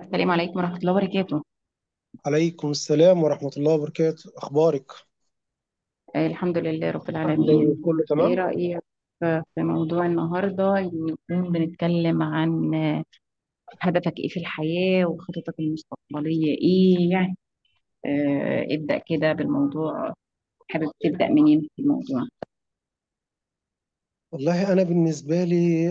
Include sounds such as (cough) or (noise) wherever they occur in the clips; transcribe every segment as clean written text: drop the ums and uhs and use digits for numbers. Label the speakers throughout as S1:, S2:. S1: السلام عليكم ورحمة الله وبركاته.
S2: عليكم السلام ورحمة الله وبركاته. أخبارك؟
S1: آه، الحمد لله رب
S2: عامل إيه؟
S1: العالمين.
S2: كله
S1: ايه
S2: تمام.
S1: رأيك في موضوع النهاردة؟ نكون بنتكلم عن هدفك ايه في الحياة وخططك المستقبلية ايه يعني. ابدأ كده بالموضوع. حابب تبدأ منين في الموضوع؟
S2: والله أنا بالنسبة لي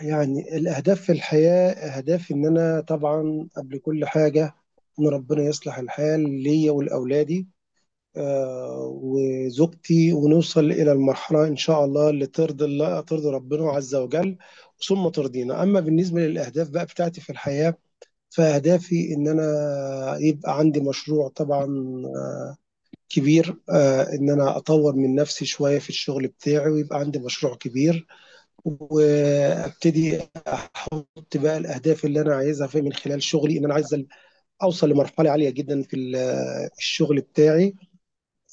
S2: يعني الأهداف في الحياة أهداف، إن أنا طبعا قبل كل حاجة إن ربنا يصلح الحال ليا ولأولادي وزوجتي، ونوصل إلى المرحلة إن شاء الله اللي ترضي الله، ترضي ربنا عز وجل ثم ترضينا. أما بالنسبة للأهداف بقى بتاعتي في الحياة فأهدافي إن أنا يبقى عندي مشروع طبعا كبير، ان انا اطور من نفسي شويه في الشغل بتاعي، ويبقى عندي مشروع كبير، وابتدي احط بقى الاهداف اللي انا عايزها في من خلال شغلي. ان انا عايز اوصل لمرحله عاليه جدا في الشغل بتاعي،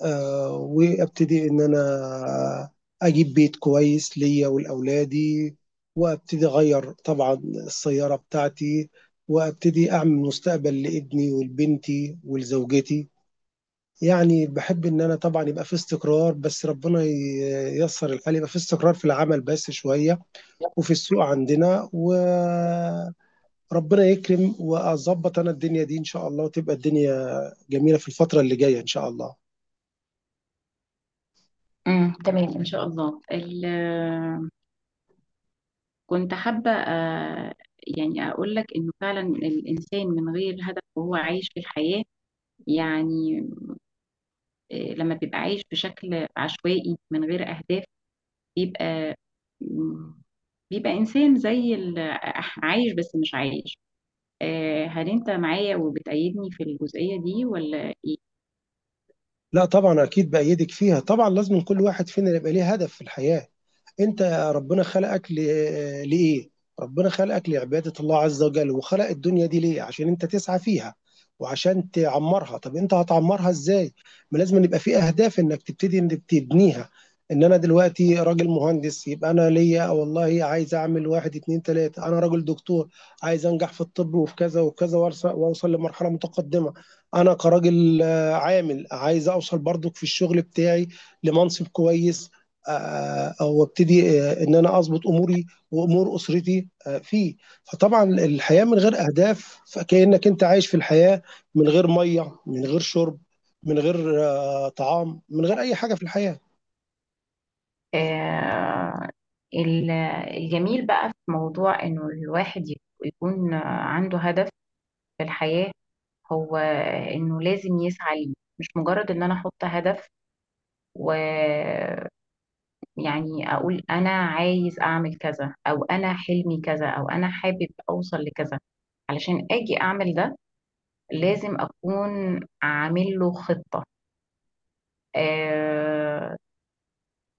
S2: وابتدي ان انا اجيب بيت كويس ليا ولاولادي، وابتدي اغير طبعا السياره بتاعتي، وابتدي اعمل مستقبل لابني ولبنتي ولزوجتي. يعني باحب إن أنا طبعًا يبقى في استقرار، بس ربنا ييسّر الحال، يبقى في استقرار في العمل بس شوية، وفي السوق عندنا، وربنا يكرم وأضبّط أنا الدنيا دي إن شاء الله، وتبقى الدنيا جميلة في الفترة اللي جاية إن شاء الله.
S1: تمام ان شاء الله. كنت حابة يعني اقول لك انه فعلا الانسان من غير هدف وهو عايش في الحياة، يعني لما بيبقى عايش بشكل عشوائي من غير اهداف بيبقى، مم، بيبقى إنسان عايش بس مش عايش. آه، هل أنت معايا وبتأيدني في الجزئية دي ولا إيه؟
S2: لأ طبعًا أكيد بأيّدِك فيها، طبعًا لازمًا كل واحد فينا يبقى ليه هدف في الحياة. انت ربنا خلقك لايه؟ ربنا خلقك لعباده الله عز وجل، وخلق الدنيا دي ليه عشان انت تسعى فيها وعشان تعمرها. طب انت هتعمرها ازاي؟ ما لازم يبقى في اهداف انك تبتدي انك تبنيها. ان انا دلوقتي راجل مهندس، يبقى انا ليا والله عايز اعمل واحد اتنين تلاته. انا راجل دكتور عايز انجح في الطب وفي كذا وكذا، واوصل لمرحله متقدمه. انا كراجل عامل عايز اوصل برضك في الشغل بتاعي لمنصب كويس، وابتدي ان انا اظبط اموري وامور اسرتي فيه. فطبعا الحياه من غير اهداف فكانك انت عايش في الحياه من غير ميه، من غير شرب، من غير طعام، من غير اي حاجه في الحياه.
S1: آه، ال- الجميل بقى في موضوع انه الواحد يكون عنده هدف في الحياة هو انه لازم يسعى ليه، مش مجرد ان انا احط هدف ويعني اقول انا عايز اعمل كذا او انا حلمي كذا او انا حابب اوصل لكذا. علشان اجي اعمل ده لازم أكون عامل له خطة، آه،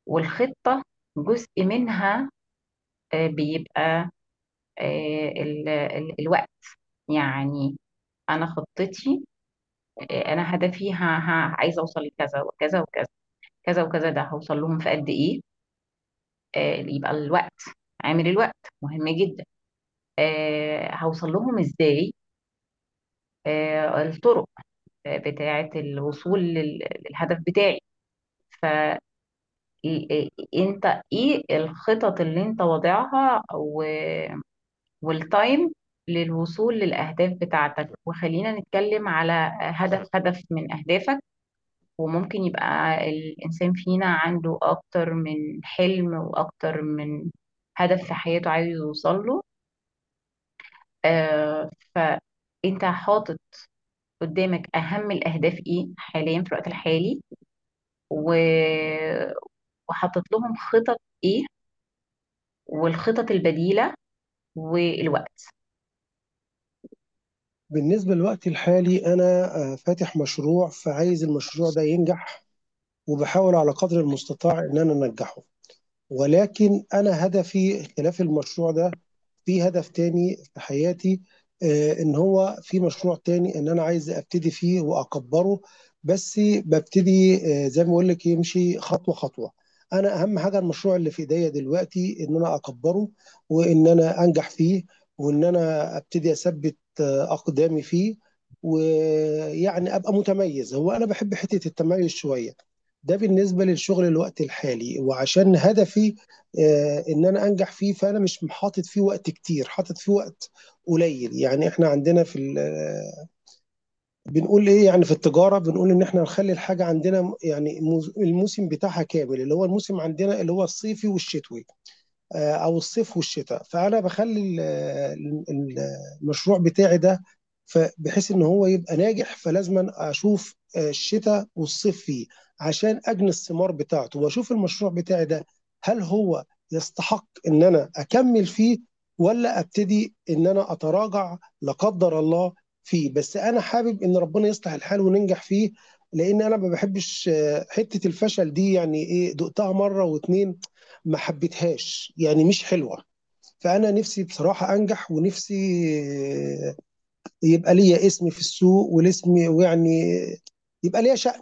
S1: والخطة جزء منها آه بيبقى آه ال ال الوقت، يعني أنا خطتي، آه، أنا هدفي عايزة أوصل لكذا وكذا وكذا، كذا وكذا ده هوصل لهم في قد إيه. آه، يبقى الوقت، عامل الوقت مهم جدا. آه، هوصل لهم إزاي؟ آه، الطرق بتاعة الوصول للهدف بتاعي. ف إيه انت؟ ايه الخطط اللي انت واضعها والتايم للوصول للاهداف بتاعتك؟ وخلينا نتكلم على هدف من اهدافك، وممكن يبقى الانسان فينا عنده اكتر من حلم واكتر من هدف في حياته عايز يوصل له. آه، فانت حاطط قدامك اهم الاهداف ايه حاليا في الوقت الحالي و- وحاطط لهم خطط ايه، والخطط البديلة والوقت؟
S2: بالنسبه للوقت الحالي انا فاتح مشروع، فعايز المشروع ده ينجح، وبحاول على قدر المستطاع ان انا انجحه. ولكن أنا هدفي خلاف المشروع ده، في هدف تاني في حياتي، إن هو في مشروع تاني إن أنا عايز أبتدي فيه وأكبره. بس ببتدي، زي ما بقول لك، يمشي خطوة خطوة. أنا أهم حاجة المشروع اللي في إيديا دلوقتي إن أنا أكبره، وإن أنا أنجح فيه، وإن أنا أبتدي أثبت أقدامي فيه، ويعني أبقى متميز. هو أنا بحب حتة التميز شوية. ده بالنسبة للشغل الوقت الحالي. وعشان هدفي ان انا انجح فيه، فانا مش حاطط فيه وقت كتير، حاطط فيه وقت قليل. يعني احنا عندنا في بنقول ايه؟ يعني في التجارة بنقول ان احنا نخلي الحاجة عندنا الموسم بتاعها كامل، اللي هو الموسم عندنا اللي هو الصيفي والشتوي، او الصيف والشتاء. فانا بخلي ال- ال- المشروع بتاعي ده بحيث ان هو يبقى ناجح، فلازم اشوف الشتاء والصيف فيه عشان اجني الثمار بتاعته، واشوف المشروع بتاعي ده هل هو يستحق ان انا اكمل فيه ولا ابتدي ان انا اتراجع، لا قدر الله، فيه. بس انا حابب ان ربنا يصلح الحال وننجح فيه، لان انا ما بحبش حته الفشل دي. يعني ايه دقتها مره واتنين، ما حبيتهاش، يعني مش حلوه. فانا نفسي بصراحه انجح، ونفسي يبقى ليا اسم في السوق، والاسم ويعني يبقى ليا شأن.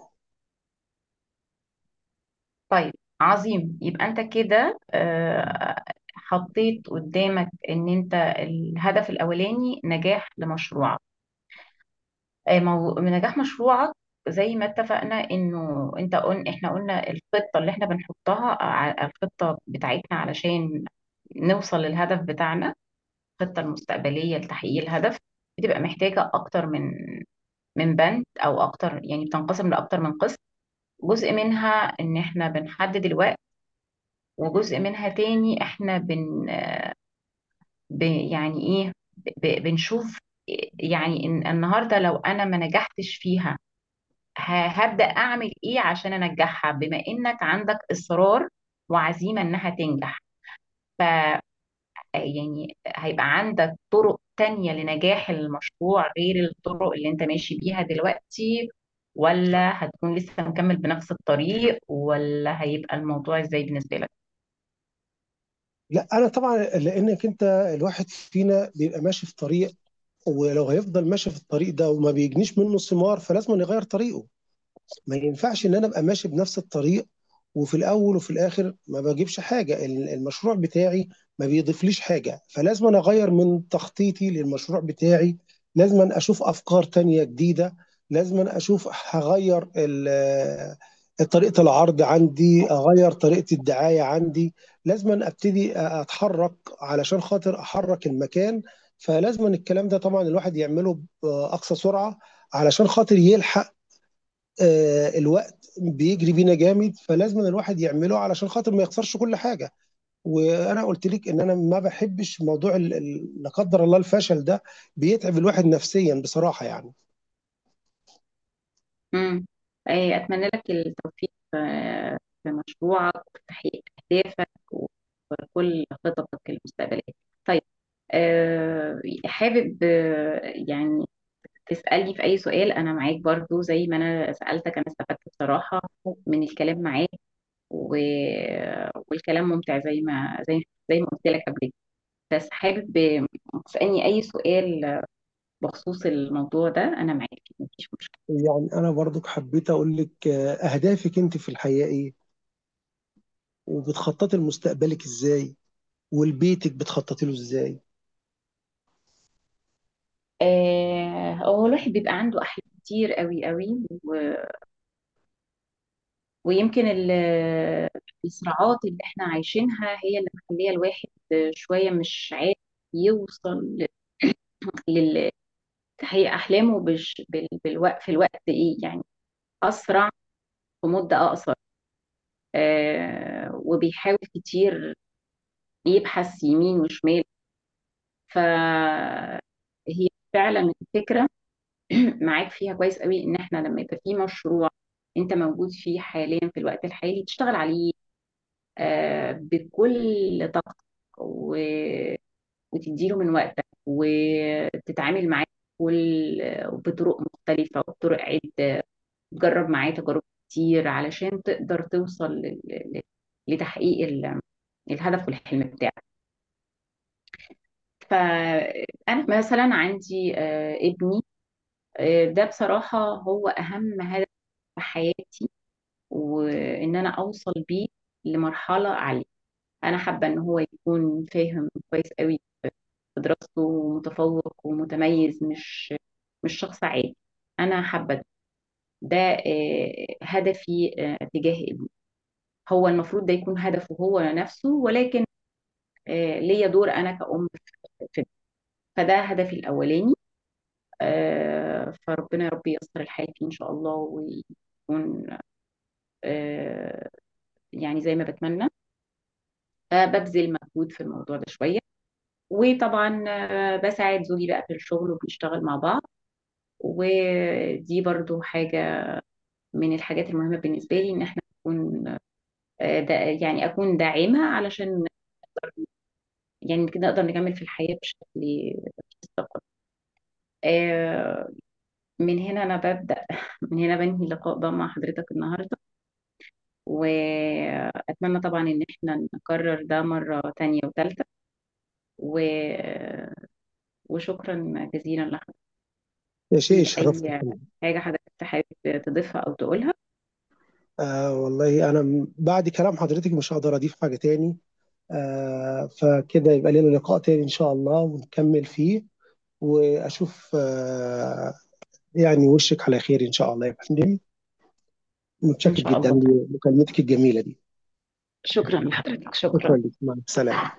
S1: طيب، عظيم، يبقى انت كده، حطيت قدامك ان انت الهدف الاولاني نجاح لمشروعك. نجاح مشروعك زي ما اتفقنا، انه انت احنا قلنا الخطة اللي احنا بنحطها الخطة بتاعتنا علشان نوصل للهدف بتاعنا. الخطة المستقبلية لتحقيق الهدف بتبقى محتاجة اكتر من بند او اكتر، يعني بتنقسم لاكتر من قسم. جزء منها ان احنا بنحدد الوقت، وجزء منها تاني احنا ب- يعني ايه، بنشوف يعني إن النهارده لو انا ما نجحتش فيها، هبدأ اعمل ايه عشان انجحها، بما انك عندك اصرار وعزيمة انها تنجح. ف يعني هيبقى عندك طرق تانية لنجاح المشروع غير الطرق اللي انت ماشي بيها دلوقتي؟ ولا هتكون لسه مكمل بنفس الطريق؟ ولا هيبقى الموضوع ازاي بالنسبة لك؟
S2: لا انا طبعا، لانك انت الواحد فينا بيبقى ماشي في طريق، ولو هيفضل ماشي في الطريق ده وما بيجنيش منه ثمار فلازم يغير طريقه. ما ينفعش ان انا ابقى ماشي بنفس الطريق، وفي الاول وفي الاخر ما بجيبش حاجه. المشروع بتاعي ما بيضيفليش حاجه، فلازم أنا اغير من تخطيطي للمشروع بتاعي. لازم أنا اشوف افكار تانية جديده. لازم أنا اشوف هغير طريقه العرض عندي، اغير طريقه الدعايه عندي. لازم أنا ابتدي اتحرك علشان خاطر احرك المكان. فلازم الكلام ده طبعا الواحد يعمله باقصى سرعه علشان خاطر يلحق. الوقت بيجري بينا جامد، فلازم الواحد يعمله علشان خاطر ما يخسرش كل حاجه. وانا قلت لك ان انا ما بحبش موضوع لا قدر الله الفشل ده، بيتعب الواحد نفسيا بصراحه يعني.
S1: مم. إيه، أتمنى لك التوفيق في مشروعك وفي تحقيق أهدافك وكل خططك المستقبلية. طيب، حابب يعني تسألني في أي سؤال، أنا معاك برضو زي ما أنا سألتك. أنا استفدت بصراحة من الكلام معاك، و... والكلام ممتع زي ما زي زي ما قلت لك قبل كده. بس حابب تسألني أي سؤال بخصوص الموضوع ده، أنا معاك مفيش مشكلة.
S2: يعني انا برضك حبيت اقول لك، اهدافك انت في الحياه ايه، وبتخططي لمستقبلك ازاي، ولبيتك بتخططي له ازاي.
S1: آه، هو الواحد بيبقى عنده أحلام كتير قوي قوي ويمكن الصراعات اللي احنا عايشينها هي اللي مخلية الواحد شوية مش عارف يوصل لتحقيق أحلامه بالوقت، في الوقت إيه يعني، أسرع، في مدة أقصر. آه، وبيحاول كتير يبحث يمين وشمال. فهي فعلا الفكرة (clears throat) معاك فيها كويس قوي، ان احنا لما يبقى في مشروع انت موجود فيه حاليا في الوقت الحالي تشتغل عليه بكل طاقتك و... وتديله من وقتك وتتعامل معاه بكل بطرق مختلفة وبطرق عدة، تجرب معاه تجارب كتير علشان تقدر توصل لتحقيق الهدف والحلم بتاعك. فأنا مثلا عندي ابني، ده بصراحة هو أهم هدف في حياتي، وان انا اوصل بيه لمرحله عاليه. انا حابه ان هو يكون فاهم كويس قوي في دراسته ومتفوق ومتميز، مش شخص عادي. انا حابه ده، هدفي تجاه ابني. هو المفروض ده يكون هدفه هو نفسه، ولكن آه، ليا دور انا كأم في ده. فده هدفي الاولاني. آه، فربنا يا رب ييسر الحال فيه ان شاء الله، ويكون آه، يعني زي ما بتمنى. فببذل مجهود في الموضوع ده شوية. وطبعا بساعد زوجي بقى في الشغل وبنشتغل مع بعض، ودي برضو حاجة من الحاجات المهمة بالنسبة لي، ان احنا نكون دا يعني اكون داعمة، علشان يعني كده نقدر نكمل في الحياة بشكل مستقر. آه، من هنا انا ببدأ (laughs) من هنا بنهي اللقاء ده مع حضرتك النهاردة، واتمنى طبعا ان احنا نكرر ده مرة تانية وتالتة، و... وشكرا جزيلا لحضرتك.
S2: يا شيخ
S1: في
S2: شرفتك.
S1: أي حاجة حضرتك حابب تضيفها أو تقولها؟
S2: والله انا بعد كلام حضرتك مش هقدر اضيف حاجه تاني. آه، فكده يبقى لنا لقاء تاني ان شاء الله ونكمل فيه، واشوف يعني وشك على خير ان شاء الله يا فندم.
S1: إن
S2: متشكر
S1: شاء
S2: جدا
S1: الله، طيب،
S2: لمكالمتك الجميله دي.
S1: شكرا لحضرتك، شكرا.
S2: شكرا لك، مع السلامه.